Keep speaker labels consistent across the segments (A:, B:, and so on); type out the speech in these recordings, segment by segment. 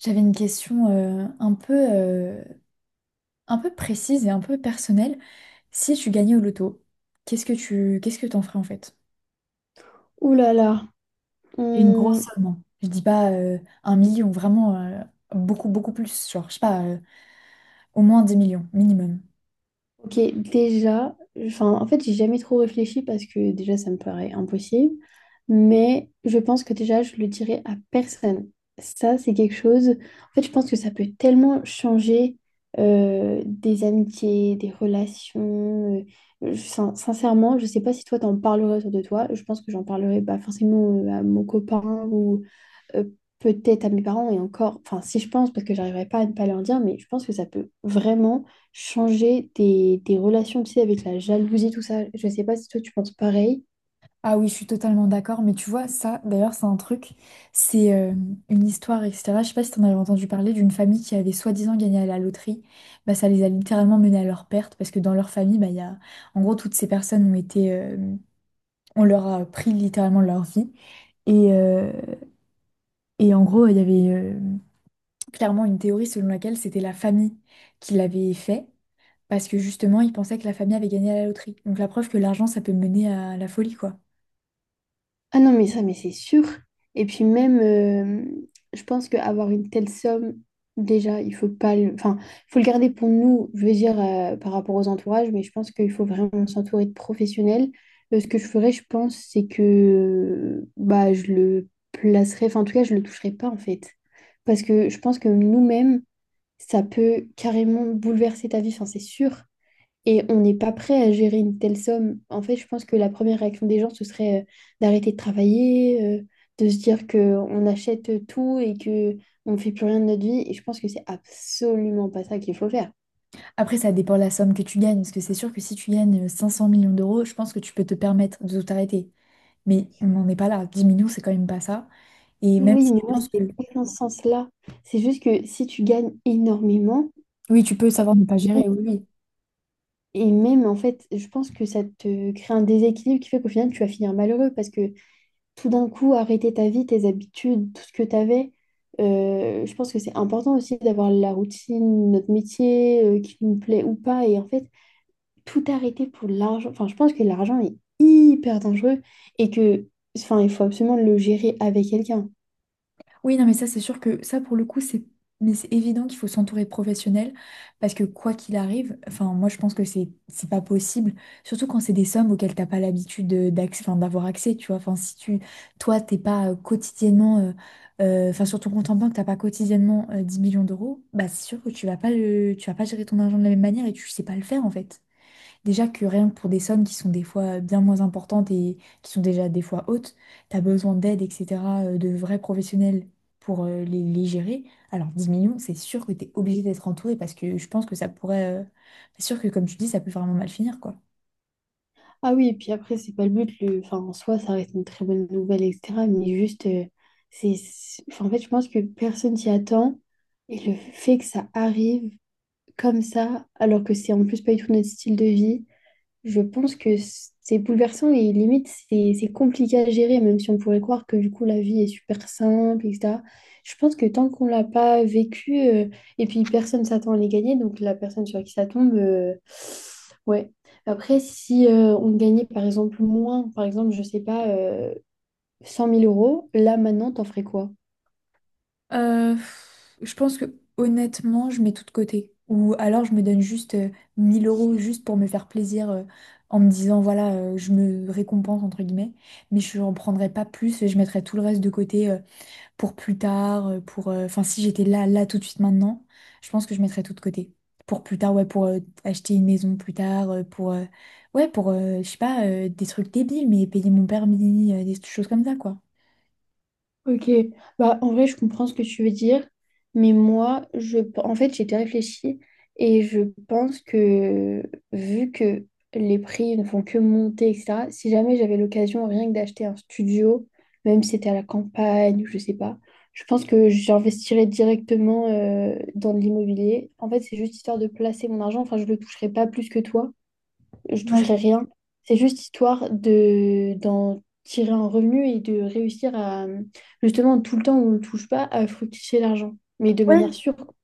A: J'avais une question un peu précise et un peu personnelle. Si tu gagnais au loto, qu'est-ce que t'en ferais en fait?
B: Ouh là là.
A: Et une grosse
B: Hum,
A: somme, hein. Je dis pas un million, vraiment beaucoup, beaucoup plus. Genre, je sais pas, au moins des millions minimum.
B: ok, déjà, enfin, en fait, j'ai jamais trop réfléchi parce que déjà, ça me paraît impossible. Mais je pense que déjà, je le dirai à personne. Ça, c'est quelque chose. En fait, je pense que ça peut tellement changer des amitiés, des relations. Sincèrement, je sais pas si toi, t'en parlerais autour de toi. Je pense que j'en parlerai pas forcément à mon copain, euh, peut-être à mes parents et encore, enfin si je pense, parce que j'arriverai pas à ne pas leur dire, mais je pense que ça peut vraiment changer des relations, tu sais, avec la jalousie, tout ça. Je sais pas si toi tu penses pareil.
A: Ah oui, je suis totalement d'accord, mais tu vois, ça, d'ailleurs, c'est un truc, c'est une histoire, etc. Je sais pas si t'en avais entendu parler d'une famille qui avait soi-disant gagné à la loterie. Bah, ça les a littéralement menés à leur perte, parce que dans leur famille, bah, il y a. En gros, toutes ces personnes ont été. On leur a pris littéralement leur vie. Et, euh, et en gros, il y avait clairement une théorie selon laquelle c'était la famille qui l'avait fait, parce que justement, ils pensaient que la famille avait gagné à la loterie. Donc la preuve que l'argent, ça peut mener à la folie, quoi.
B: Ah non, mais ça, mais c'est sûr. Et puis même, je pense qu'avoir une telle somme, déjà, il faut pas le... Enfin, faut le garder pour nous, je veux dire, par rapport aux entourages, mais je pense qu'il faut vraiment s'entourer de professionnels. Ce que je ferais, je pense, c'est que bah, je le placerais, enfin, en tout cas, je le toucherais pas, en fait. Parce que je pense que nous-mêmes, ça peut carrément bouleverser ta vie, enfin, c'est sûr. Et on n'est pas prêt à gérer une telle somme. En fait, je pense que la première réaction des gens, ce serait d'arrêter de travailler, de se dire qu'on achète tout et que on ne fait plus rien de notre vie. Et je pense que c'est absolument pas ça qu'il faut faire.
A: Après, ça dépend de la somme que tu gagnes, parce que c'est sûr que si tu gagnes 500 millions d'euros, je pense que tu peux te permettre de t'arrêter. Mais on n'en est pas là. 10 millions, c'est quand même pas ça. Et même
B: Oui,
A: si
B: mais
A: tu
B: moi,
A: penses
B: c'est
A: que.
B: pas dans ce sens-là. C'est juste que si tu gagnes énormément,
A: Oui, tu peux savoir ne pas gérer, oui, oui.
B: et même en fait, je pense que ça te crée un déséquilibre qui fait qu'au final, tu vas finir malheureux parce que tout d'un coup arrêter ta vie, tes habitudes, tout ce que tu avais. Je pense que c'est important aussi d'avoir la routine, notre métier, qui nous plaît ou pas. Et en fait, tout arrêter pour l'argent. Enfin, je pense que l'argent est hyper dangereux et que, enfin, il faut absolument le gérer avec quelqu'un.
A: Oui, non, mais ça, c'est sûr que ça, pour le coup, c'est mais c'est évident qu'il faut s'entourer de professionnels parce que quoi qu'il arrive, enfin, moi, je pense que c'est pas possible, surtout quand c'est des sommes auxquelles t'as pas l'habitude enfin, d'avoir accès, tu vois. Enfin, si toi, t'es pas quotidiennement, enfin, sur ton compte en banque, t'as pas quotidiennement 10 millions d'euros, bah, c'est sûr que tu vas pas gérer ton argent de la même manière et tu sais pas le faire, en fait. Déjà que rien que pour des sommes qui sont des fois bien moins importantes et qui sont déjà des fois hautes, tu as besoin d'aide, etc., de vrais professionnels pour les gérer. Alors 10 millions, c'est sûr que tu es obligé d'être entouré parce que je pense que ça pourrait. C'est sûr que comme tu dis, ça peut vraiment mal finir, quoi.
B: Ah oui, et puis après, c'est pas le but. Le... Enfin, en soi, ça reste une très bonne nouvelle, etc. Mais juste, enfin, en fait, je pense que personne s'y attend. Et le fait que ça arrive comme ça, alors que c'est en plus pas du tout notre style de vie, je pense que c'est bouleversant et limite, c'est compliqué à gérer, même si on pourrait croire que du coup, la vie est super simple, et etc. Je pense que tant qu'on l'a pas vécu, et puis personne s'attend à les gagner, donc la personne sur qui ça tombe, ouais. Après, si on gagnait par exemple moins, par exemple, je sais pas, 100 000 euros, là maintenant, t'en ferais quoi?
A: Je pense que honnêtement, je mets tout de côté. Ou alors je me donne juste 1 000 euros juste pour me faire plaisir en me disant, voilà, je me récompense, entre guillemets, mais je n'en prendrai pas plus et je mettrai tout le reste de côté pour plus tard. Enfin, si j'étais là, là, tout de suite, maintenant, je pense que je mettrais tout de côté. Pour plus tard, ouais, pour acheter une maison plus tard, ouais, je sais pas, des trucs débiles, mais payer mon permis, des choses comme ça, quoi.
B: Ok, bah en vrai je comprends ce que tu veux dire, mais moi je en fait j'ai déjà réfléchi et je pense que vu que les prix ne font que monter, etc., si jamais j'avais l'occasion rien que d'acheter un studio, même si c'était à la campagne ou je sais pas, je pense que j'investirais directement dans de l'immobilier. En fait, c'est juste histoire de placer mon argent, enfin je le toucherai pas plus que toi, je toucherai rien. C'est juste histoire de d'en tirer un revenu et de réussir à, justement, tout le temps où on ne touche pas, à fructifier l'argent. Mais de
A: Ouais,
B: manière sûre, quoi.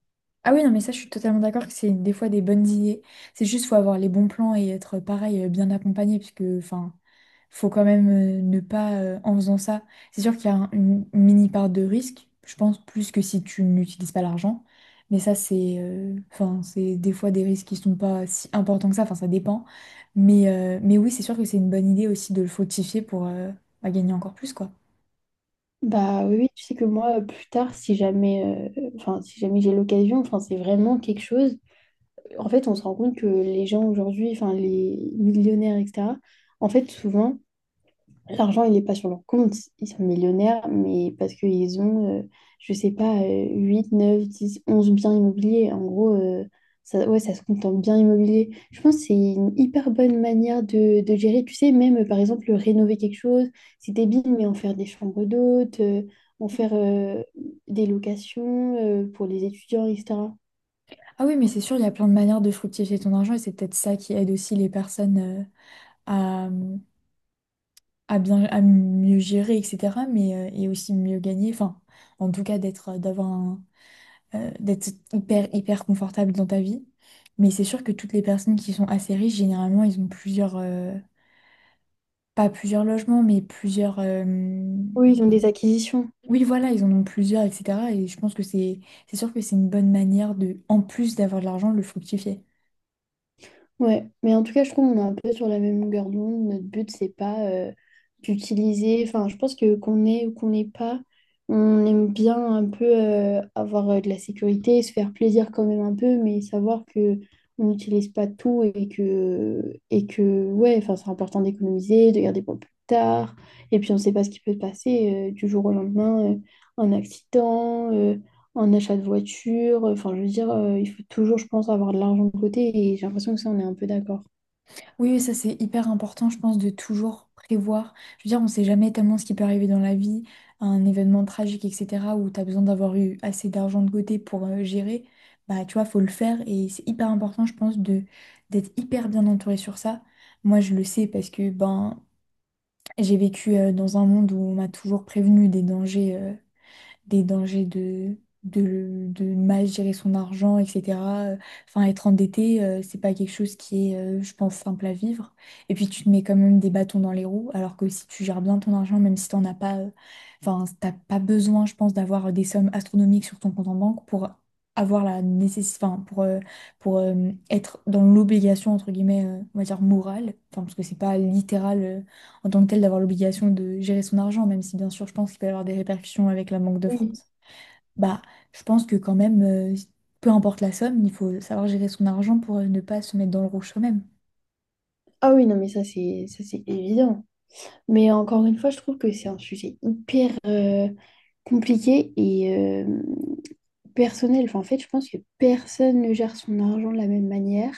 A: ah oui, non, mais ça, je suis totalement d'accord que c'est des fois des bonnes idées. C'est juste, faut avoir les bons plans et être pareil, bien accompagné, puisque, enfin, faut quand même ne pas, en faisant ça. C'est sûr qu'il y a une mini part de risque, je pense, plus que si tu n'utilises pas l'argent. Mais ça, c'est, enfin, c'est des fois des risques qui sont pas si importants que ça, enfin, ça dépend. Mais oui, c'est sûr que c'est une bonne idée aussi de le fructifier pour, bah, gagner encore plus, quoi.
B: Bah oui, oui, tu sais que moi, plus tard, si jamais, enfin, si jamais j'ai l'occasion, enfin, c'est vraiment quelque chose. En fait, on se rend compte que les gens aujourd'hui, enfin, les millionnaires, etc., en fait, souvent, l'argent, il n'est pas sur leur compte. Ils sont millionnaires, mais parce qu'ils ont, je sais pas, 8, 9, 10, 11 biens immobiliers. En gros, ça, ouais, ça se compte en biens immobiliers. Je pense que c'est une hyper bonne manière de gérer. Tu sais, même, par exemple, rénover quelque chose, c'est débile, mais en faire des chambres d'hôtes, en faire des locations pour les étudiants, etc.
A: Ah oui, mais c'est sûr, il y a plein de manières de fructifier ton argent et c'est peut-être ça qui aide aussi les personnes, euh, à mieux gérer, etc., mais et aussi mieux gagner, enfin, en tout cas d'être hyper hyper confortable dans ta vie. Mais c'est sûr que toutes les personnes qui sont assez riches généralement ils ont plusieurs, pas plusieurs logements, mais plusieurs,
B: Oui, ils ont des acquisitions.
A: oui voilà, ils en ont plusieurs, etc., et je pense que c'est sûr que c'est une bonne manière, de en plus d'avoir de l'argent, le fructifier.
B: Ouais, mais en tout cas, je trouve qu'on est un peu sur la même longueur d'onde. Notre but, c'est pas d'utiliser. Enfin, je pense que qu'on ait ou qu'on n'ait pas, on aime bien un peu avoir de la sécurité, se faire plaisir quand même un peu, mais savoir que on n'utilise pas tout et que ouais, enfin, c'est important d'économiser, de garder pour plus tard. Et puis, on ne sait pas ce qui peut se passer du jour au lendemain, un accident, un achat de voiture. Enfin, je veux dire, il faut toujours, je pense, avoir de l'argent de côté et j'ai l'impression que ça, on est un peu d'accord.
A: Oui, oui, ça c'est hyper important, je pense, de toujours prévoir. Je veux dire, on ne sait jamais tellement ce qui peut arriver dans la vie, un événement tragique, etc., où tu as besoin d'avoir eu assez d'argent de côté pour gérer. Bah, tu vois, faut le faire et c'est hyper important, je pense, de d'être hyper bien entouré sur ça. Moi, je le sais parce que ben, j'ai vécu dans un monde où on m'a toujours prévenu des dangers. Des dangers de mal gérer son argent, etc. Euh, Enfin, être endetté, c'est pas quelque chose qui est, je pense, simple à vivre. Et puis, tu te mets quand même des bâtons dans les roues, alors que si tu gères bien ton argent, même si t'en as pas, enfin, t'as pas besoin, je pense, d'avoir des sommes astronomiques sur ton compte en banque pour avoir la nécessité, enfin, pour être dans l'obligation, entre guillemets, on va dire morale, enfin, parce que c'est pas littéral. En tant que tel d'avoir l'obligation de gérer son argent, même si bien sûr je pense qu'il peut y avoir des répercussions avec la Banque de
B: Oui.
A: France, bah je pense que quand même, peu importe la somme, il faut savoir gérer son argent pour ne pas se mettre dans le rouge soi-même.
B: Ah oui, non, mais ça, c'est évident. Mais encore une fois, je trouve que c'est un sujet hyper compliqué et personnel. Enfin, en fait, je pense que personne ne gère son argent de la même manière.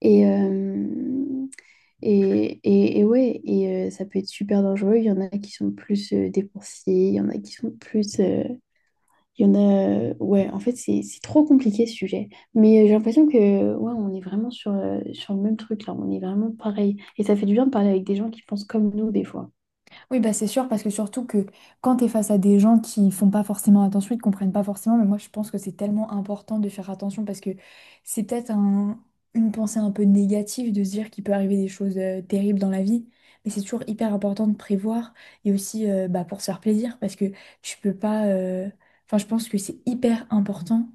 B: Et, euh, et ouais, et ça peut être super dangereux. Il y en a qui sont plus dépensiers, il y en a qui sont plus... Il y en a, ouais, en fait, c'est trop compliqué ce sujet. Mais j'ai l'impression que, ouais, on est vraiment sur, sur le même truc là, on est vraiment pareil. Et ça fait du bien de parler avec des gens qui pensent comme nous des fois.
A: Oui, bah c'est sûr, parce que surtout que quand tu es face à des gens qui font pas forcément attention, ils comprennent pas forcément, mais moi je pense que c'est tellement important de faire attention, parce que c'est peut-être une pensée un peu négative de se dire qu'il peut arriver des choses terribles dans la vie, mais c'est toujours hyper important de prévoir, et aussi bah, pour se faire plaisir, parce que tu peux pas. Enfin, je pense que c'est hyper important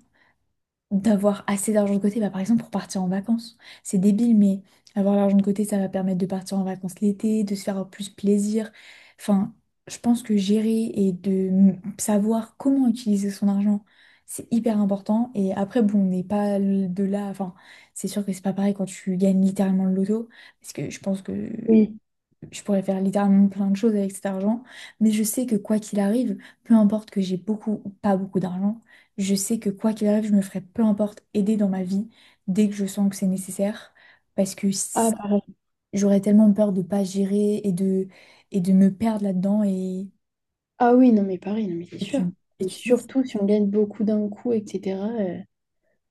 A: d'avoir assez d'argent de côté, bah, par exemple pour partir en vacances. C'est débile, mais avoir l'argent de côté, ça va permettre de partir en vacances l'été, de se faire plus plaisir. Enfin, je pense que gérer et de savoir comment utiliser son argent, c'est hyper important. Et après, bon, on n'est pas de là. Enfin, c'est sûr que c'est pas pareil quand tu gagnes littéralement le loto, parce que je pense que
B: Oui.
A: je pourrais faire littéralement plein de choses avec cet argent, mais je sais que quoi qu'il arrive, peu importe que j'ai beaucoup ou pas beaucoup d'argent, je sais que quoi qu'il arrive, je me ferai peu importe aider dans ma vie dès que je sens que c'est nécessaire, parce que
B: Ah, pareil.
A: j'aurais tellement peur de pas gérer, et de me perdre là-dedans,
B: Ah oui, non, mais pareil, non, mais c'est
A: et tu,
B: sûr.
A: et
B: Et
A: tu te dis,
B: surtout si on gagne beaucoup d'un coup, etc.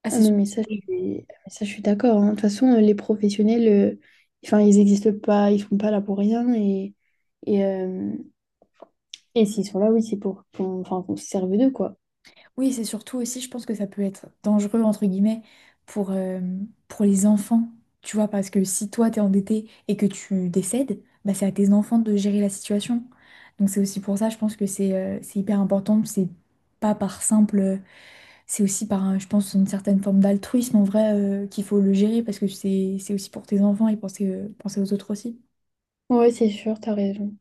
A: ah
B: Ah
A: c'est sûr.
B: non, mais ça, je suis d'accord, hein. De toute façon, les professionnels, enfin, ils n'existent pas, ils sont pas là pour rien. Et, euh, et s'ils sont là, oui, c'est pour qu'on enfin, qu'on se serve d'eux, quoi.
A: Oui, c'est surtout aussi, je pense que ça peut être dangereux, entre guillemets, pour, euh, pour les enfants, tu vois, parce que si toi, t'es endetté et que tu décèdes, bah, c'est à tes enfants de gérer la situation. Donc c'est aussi pour ça, je pense que c'est hyper important, c'est pas par simple, c'est aussi par, je pense, une certaine forme d'altruisme en vrai, qu'il faut le gérer, parce que c'est aussi pour tes enfants, et penser aux autres aussi.
B: Ouais, c'est sûr, t'as raison.